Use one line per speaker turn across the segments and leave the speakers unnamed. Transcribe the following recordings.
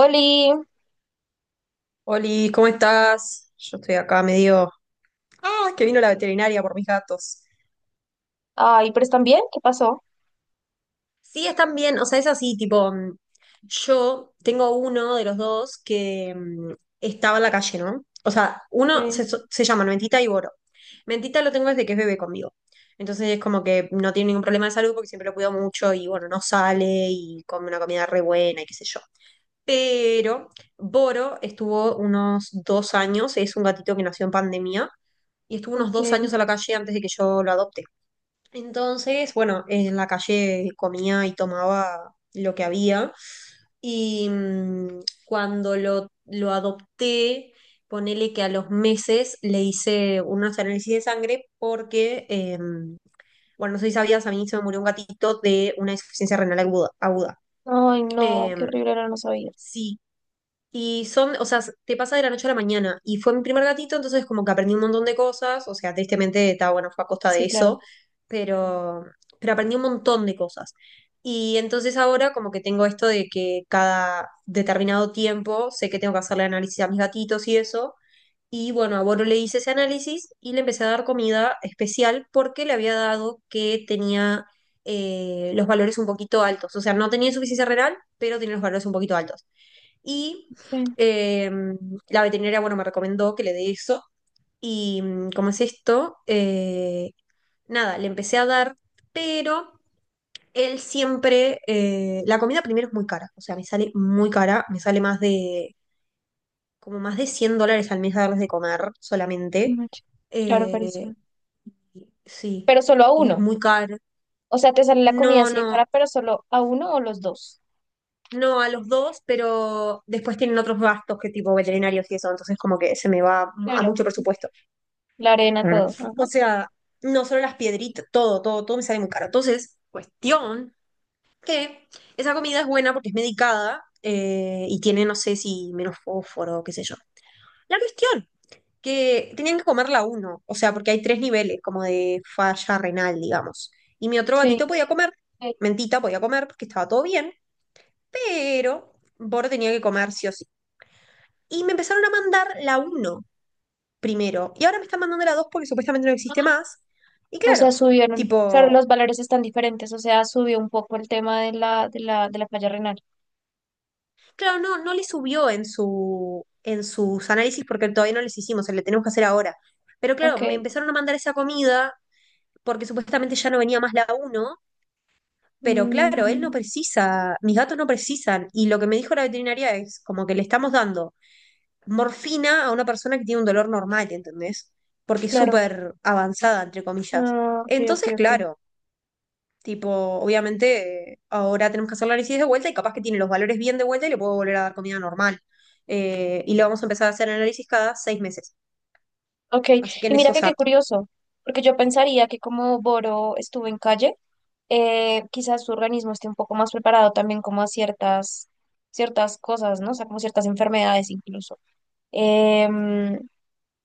Oli,
Oli, ¿cómo estás? Yo estoy acá medio. Ah, que vino la veterinaria por mis gatos.
ay, pero están bien, ¿qué pasó?
Sí, están bien, o sea, es así, tipo, yo tengo uno de los dos que estaba en la calle, ¿no? O sea, uno
Okay,
se llaman Mentita y Boro. Mentita lo tengo desde que es bebé conmigo. Entonces es como que no tiene ningún problema de salud porque siempre lo cuido mucho y bueno, no sale y come una comida re buena y qué sé yo. Pero Boro estuvo unos 2 años, es un gatito que nació en pandemia y estuvo unos dos
okay,
años a la calle antes de que yo lo adopte. Entonces, bueno, en la calle comía y tomaba lo que había y cuando lo adopté, ponele que a los meses le hice unos análisis de sangre porque, bueno, no sé si sabías, a mí se me murió un gatito de una insuficiencia renal aguda.
ay, no, qué
Em,
horrible, no lo sabía.
sí, y son, o sea, te pasa de la noche a la mañana. Y fue mi primer gatito, entonces como que aprendí un montón de cosas. O sea, tristemente, está bueno, fue a costa de
Sí, claro.
eso. Pero, pero aprendí un montón de cosas. Y entonces ahora como que tengo esto de que cada determinado tiempo sé que tengo que hacerle análisis a mis gatitos y eso. Y bueno, a Boro le hice ese análisis y le empecé a dar comida especial porque le había dado que tenía los valores un poquito altos. O sea, no tenía insuficiencia renal, pero tenía los valores un poquito altos. Y
Eh,
eh, la veterinaria, bueno, me recomendó que le dé eso. Y como es esto, nada, le empecé a dar, pero él siempre, la comida primero es muy cara, o sea, me sale muy cara, me sale más de, como más de 100 dólares al mes a darles de comer solamente.
no, claro,
Eh,
carísimo.
sí,
Pero solo a
y es
uno,
muy caro.
o sea, te sale la comida
No,
así de
no,
cara, pero solo a uno o los dos.
no a los dos, pero después tienen otros gastos que tipo veterinarios y eso, entonces como que se me va a
Claro,
mucho presupuesto.
la arena, todo. Ajá.
O sea, no solo las piedritas, todo, todo, todo me sale muy caro. Entonces, cuestión que esa comida es buena porque es medicada, y tiene, no sé si menos fósforo, qué sé yo. La cuestión, que tenían que comerla uno, o sea, porque hay tres niveles como de falla renal, digamos. Y mi otro
Sí,
gatito podía comer, ok. Mentita podía comer porque estaba todo bien, pero Boro tenía que comer sí o sí. Y me empezaron a mandar la uno primero. Y ahora me están mandando la 2 porque supuestamente no existe más. Y
o sea,
claro,
subieron. Claro,
tipo,
los valores están diferentes, o sea, subió un poco el tema de la falla renal.
claro, no, no le subió en su, en sus análisis porque todavía no les hicimos, se le tenemos que hacer ahora. Pero claro,
Ok,
me empezaron a mandar esa comida porque supuestamente ya no venía más la uno, pero claro, él no
mm,
precisa, mis gatos no precisan. Y lo que me dijo la veterinaria es como que le estamos dando morfina a una persona que tiene un dolor normal, ¿entendés? Porque es
claro,
súper avanzada, entre comillas.
ah, ok, ok,
Entonces,
ok.
claro, tipo, obviamente, ahora tenemos que hacer el análisis de vuelta y capaz que tiene los valores bien de vuelta y le puedo volver a dar comida normal. Y le vamos a empezar a hacer análisis cada 6 meses.
Ok,
Así que
y
en
mira
eso
que qué
saco.
curioso, porque yo pensaría que como Boro estuvo en calle, quizás su organismo esté un poco más preparado también como a ciertas cosas, ¿no? O sea, como ciertas enfermedades incluso. Em,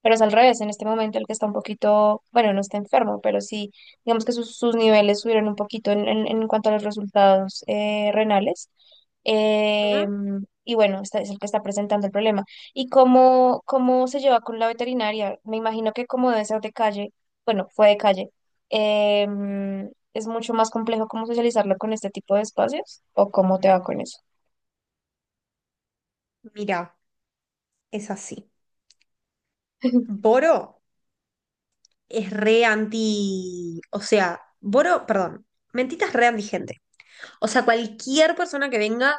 pero es al revés, en este momento el que está un poquito, bueno, no está enfermo, pero sí, digamos que sus niveles subieron un poquito en cuanto a los resultados renales. Eh,
Ujú.
y bueno, este es el que está presentando el problema. ¿Y cómo se lleva con la veterinaria? Me imagino que como debe ser de calle, bueno, fue de calle, eh, es mucho más complejo cómo socializarlo con este tipo de espacios o cómo te va con eso.
Mirá, es así. Boro es re anti. O sea, Boro, perdón. Mentita es re antigente. O sea, cualquier persona que venga,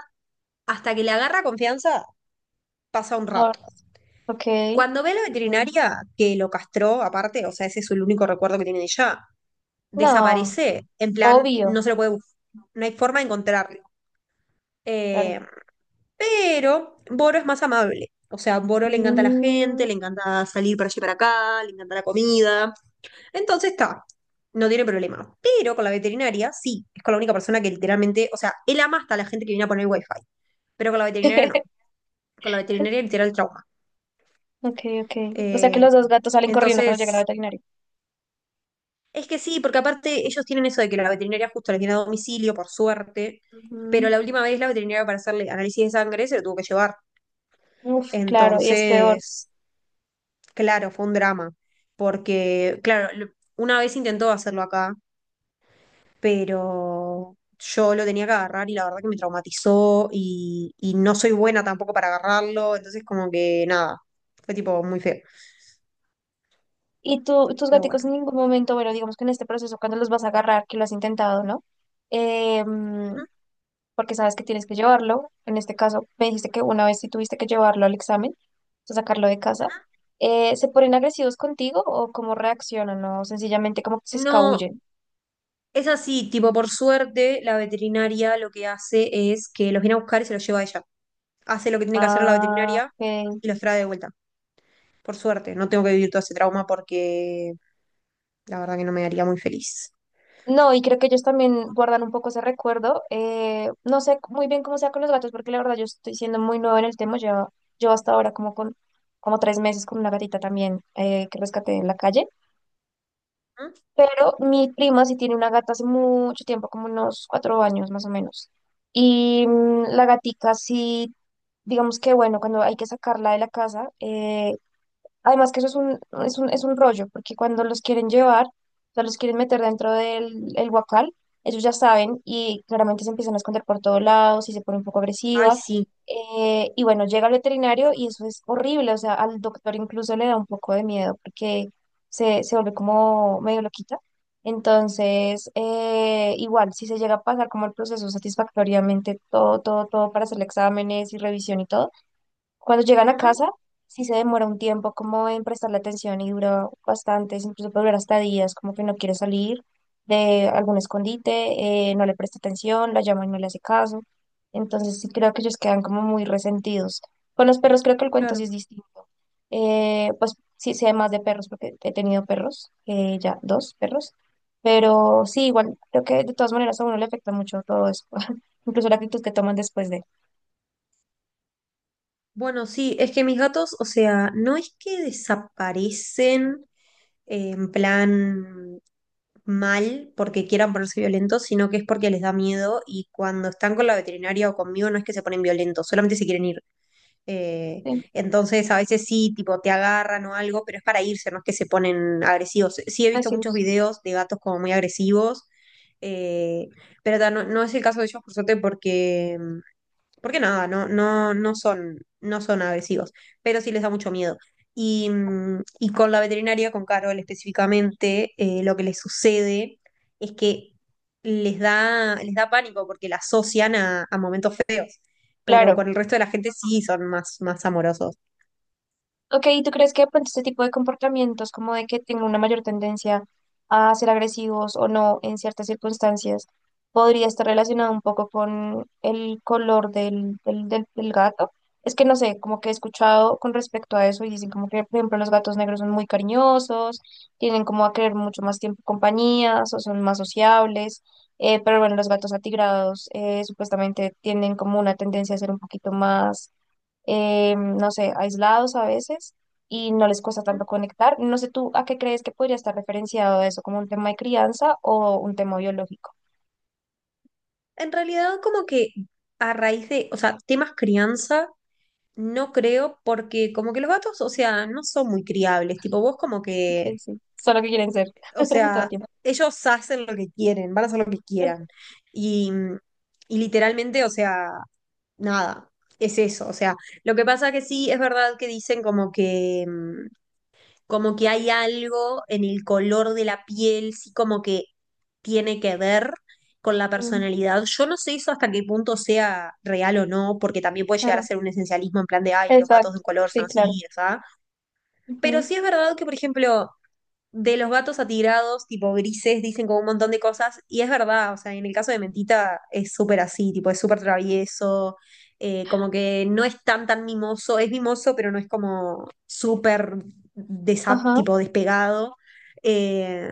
hasta que le agarra confianza, pasa un
Ah,
rato.
Ok,
Cuando ve a la veterinaria que lo castró, aparte, o sea, ese es el único recuerdo que tiene de ella,
no,
desaparece, en plan,
obvio,
no se lo puede buscar, no hay forma de encontrarlo.
claro.
Eh, pero Boro es más amable. O sea, a Boro le encanta la gente,
Mm,
le encanta salir para allí y para acá, le encanta la comida. Entonces está, no tiene problema. Pero con la veterinaria, sí, es con la única persona que literalmente, o sea, él ama hasta la gente que viene a poner wifi, pero con la veterinaria no. Con la veterinaria literal trauma.
Ok, ok. O sea que
Eh,
los dos gatos salen corriendo cuando llegan al
entonces,
veterinario.
es que sí, porque aparte ellos tienen eso de que la veterinaria justo la tiene a domicilio, por suerte, pero la última vez la veterinaria para hacerle análisis de sangre se lo tuvo que llevar.
Ujú. Uf, claro, y es peor.
Entonces, claro, fue un drama, porque, claro, una vez intentó hacerlo acá, pero yo lo tenía que agarrar y la verdad que me traumatizó y no soy buena tampoco para agarrarlo, entonces como que nada, fue tipo muy feo,
Y tú, tus
pero
gaticos
bueno.
en ningún momento, bueno, digamos que en este proceso, cuando los vas a agarrar, que lo has intentado, ¿no? Eh, mm,
Ujú,
Porque sabes que tienes que llevarlo. En este caso, me dijiste que una vez sí tuviste que llevarlo al examen, o sacarlo de casa.
ujú.
¿Se ponen agresivos contigo o cómo reaccionan? ¿O sencillamente como que se
No,
escabullen?
es así, tipo, por suerte, la veterinaria lo que hace es que los viene a buscar y se los lleva a ella. Hace lo que tiene que hacer la
Ah,
veterinaria
ok,
y los trae de vuelta. Por suerte, no tengo que vivir todo ese trauma porque la verdad que no me haría muy feliz.
no, y creo que ellos también guardan un poco ese recuerdo. No sé muy bien cómo sea con los gatos, porque la verdad yo estoy siendo muy nueva en el tema. Yo hasta ahora como con como tres meses con una gatita también que rescaté en la calle.
¿Mm?
Pero mi prima sí tiene una gata hace mucho tiempo, como unos cuatro años más o menos. Y la gatica sí, digamos que bueno, cuando hay que sacarla de la casa, además que eso es un, es un, es un rollo, porque cuando los quieren llevar, o sea, los quieren meter dentro del el guacal, ellos ya saben y claramente se empiezan a esconder por todos lados y se pone un poco
Ay,
agresiva.
sí.
Y bueno, llega el veterinario y eso es horrible, o sea, al doctor incluso le da un poco de miedo porque se vuelve como medio loquita. Entonces, igual, si se llega a pasar como el proceso satisfactoriamente, todo, todo, todo para hacer exámenes y revisión y todo cuando llegan a
Ujú,
casa, sí se demora un tiempo como en prestarle atención y dura bastante, incluso puede durar hasta días, como que no quiere salir de algún escondite, no le presta atención, la llama y no le hace caso. Entonces sí creo que ellos quedan como muy resentidos. Con los perros creo que el cuento
claro.
sí es distinto. Pues sí sé más de perros porque he tenido perros, ya dos perros, pero sí, igual creo que de todas maneras a uno le afecta mucho todo eso, incluso la actitud que toman después de...
Bueno, sí, es que mis gatos, o sea, no es que desaparecen en plan mal porque quieran ponerse violentos, sino que es porque les da miedo y cuando están con la veterinaria o conmigo no es que se ponen violentos, solamente se quieren ir. Eh,
Sí,
entonces a veces sí, tipo, te agarran o algo, pero es para irse, no es que se ponen agresivos. Sí he visto
así
muchos
es.
videos de gatos como muy agresivos, eh, pero ta, no, no es el caso de ellos, por suerte, porque nada, no, no, no son agresivos, pero sí les da mucho miedo. Y con la veterinaria, con Carol específicamente, lo que les sucede es que les da pánico porque la asocian a momentos feos, pero
Claro.
con el resto de la gente sí son más, más amorosos.
Ok, ¿y tú crees que de pronto este tipo de comportamientos, como de que tenga una mayor tendencia a ser agresivos o no en ciertas circunstancias, podría estar relacionado un poco con el color del gato? Es que no sé, como que he escuchado con respecto a eso y dicen como que, por ejemplo, los gatos negros son muy cariñosos, tienen como a querer mucho más tiempo compañías o son más sociables, pero bueno, los gatos atigrados supuestamente tienen como una tendencia a ser un poquito más no sé, aislados a veces y no les cuesta tanto conectar. No sé tú a qué crees que podría estar referenciado eso, como un tema de crianza o un tema biológico.
En realidad, como que a raíz de, o sea, temas crianza, no creo, porque como que los gatos, o sea, no son muy criables. Tipo, vos como
Ok,
que,
sí, solo que quieren ser
o
todo el
sea,
tiempo.
ellos hacen lo que quieren, van a hacer lo que quieran. Y, y literalmente, o sea, nada, es eso. O sea, lo que pasa que sí, es verdad que dicen como que, como que hay algo en el color de la piel, sí, como que tiene que ver con la
Mm,
personalidad. Yo no sé eso hasta qué punto sea real o no, porque también puede llegar
claro,
a ser un esencialismo en plan de, ay, los gatos de
exacto,
un color son
sí, claro.
así, ¿sabes? Pero
Ujú,
sí es verdad que, por ejemplo, de los gatos atirados, tipo grises, dicen como un montón de cosas, y es verdad, o sea, en el caso de Mentita es súper así, tipo, es súper travieso, como que no es tan tan mimoso, es mimoso, pero no es como súper
ajá, o
tipo despegado. eh,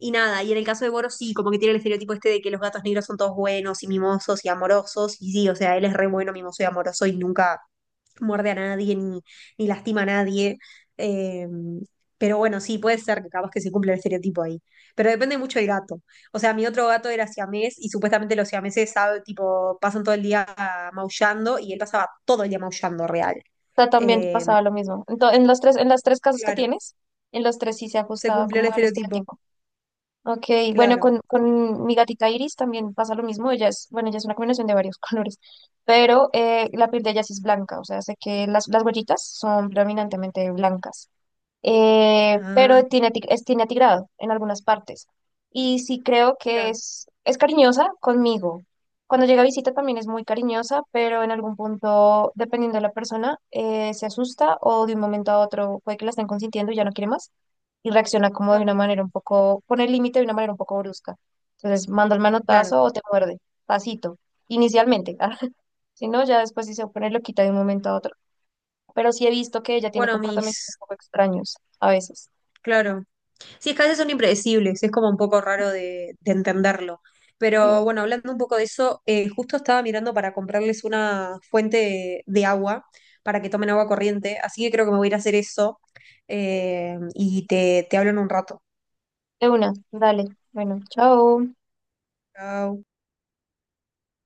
y nada, y en el caso de Boros sí, como que tiene el estereotipo este de que los gatos negros son todos buenos y mimosos y amorosos, y sí, o sea, él es re bueno, mimoso y amoroso y nunca muerde a nadie ni, ni lastima a nadie. Eh, pero bueno, sí, puede ser que capaz que se cumpla el estereotipo ahí. Pero depende mucho del gato. O sea, mi otro gato era siamés y supuestamente los siameses sabe, tipo, pasan todo el día maullando y él pasaba todo el día maullando real.
sea, también te
Eh,
pasaba lo mismo. Entonces, en los tres, en las tres casas que
claro,
tienes, en los tres sí se ha
se
ajustado
cumplió el
como al
estereotipo,
estereotipo. Ok, bueno,
claro.
con mi gatita Iris también pasa lo mismo. Ella es, bueno, ella es una combinación de varios colores, pero la piel de ella sí es blanca, o sea, sé que las huellitas son predominantemente blancas
Ah,
pero tiene, tiene atigrado en algunas partes. Y sí creo que
claro,
es cariñosa conmigo. Cuando llega a visita también es muy cariñosa, pero en algún punto, dependiendo de la persona, se asusta o de un momento a otro puede que la estén consintiendo y ya no quiere más y reacciona como de
claro,
una manera un poco, pone el límite de una manera un poco brusca. Entonces, manda el
claro.
manotazo o te muerde, tacito, inicialmente. ah, si no, ya después sí se pone loquita de un momento a otro. Pero sí he visto que ella tiene
Bueno,
comportamientos un
mis
poco extraños a veces.
Claro. Sí, es que a veces son impredecibles, es como un poco raro de entenderlo. Pero
Sí,
bueno, hablando un poco de eso, justo estaba mirando para comprarles una fuente de, agua para que tomen agua corriente, así que creo que me voy a ir a hacer eso, y te hablo en un rato.
de una, dale. Bueno, chao.
Chau.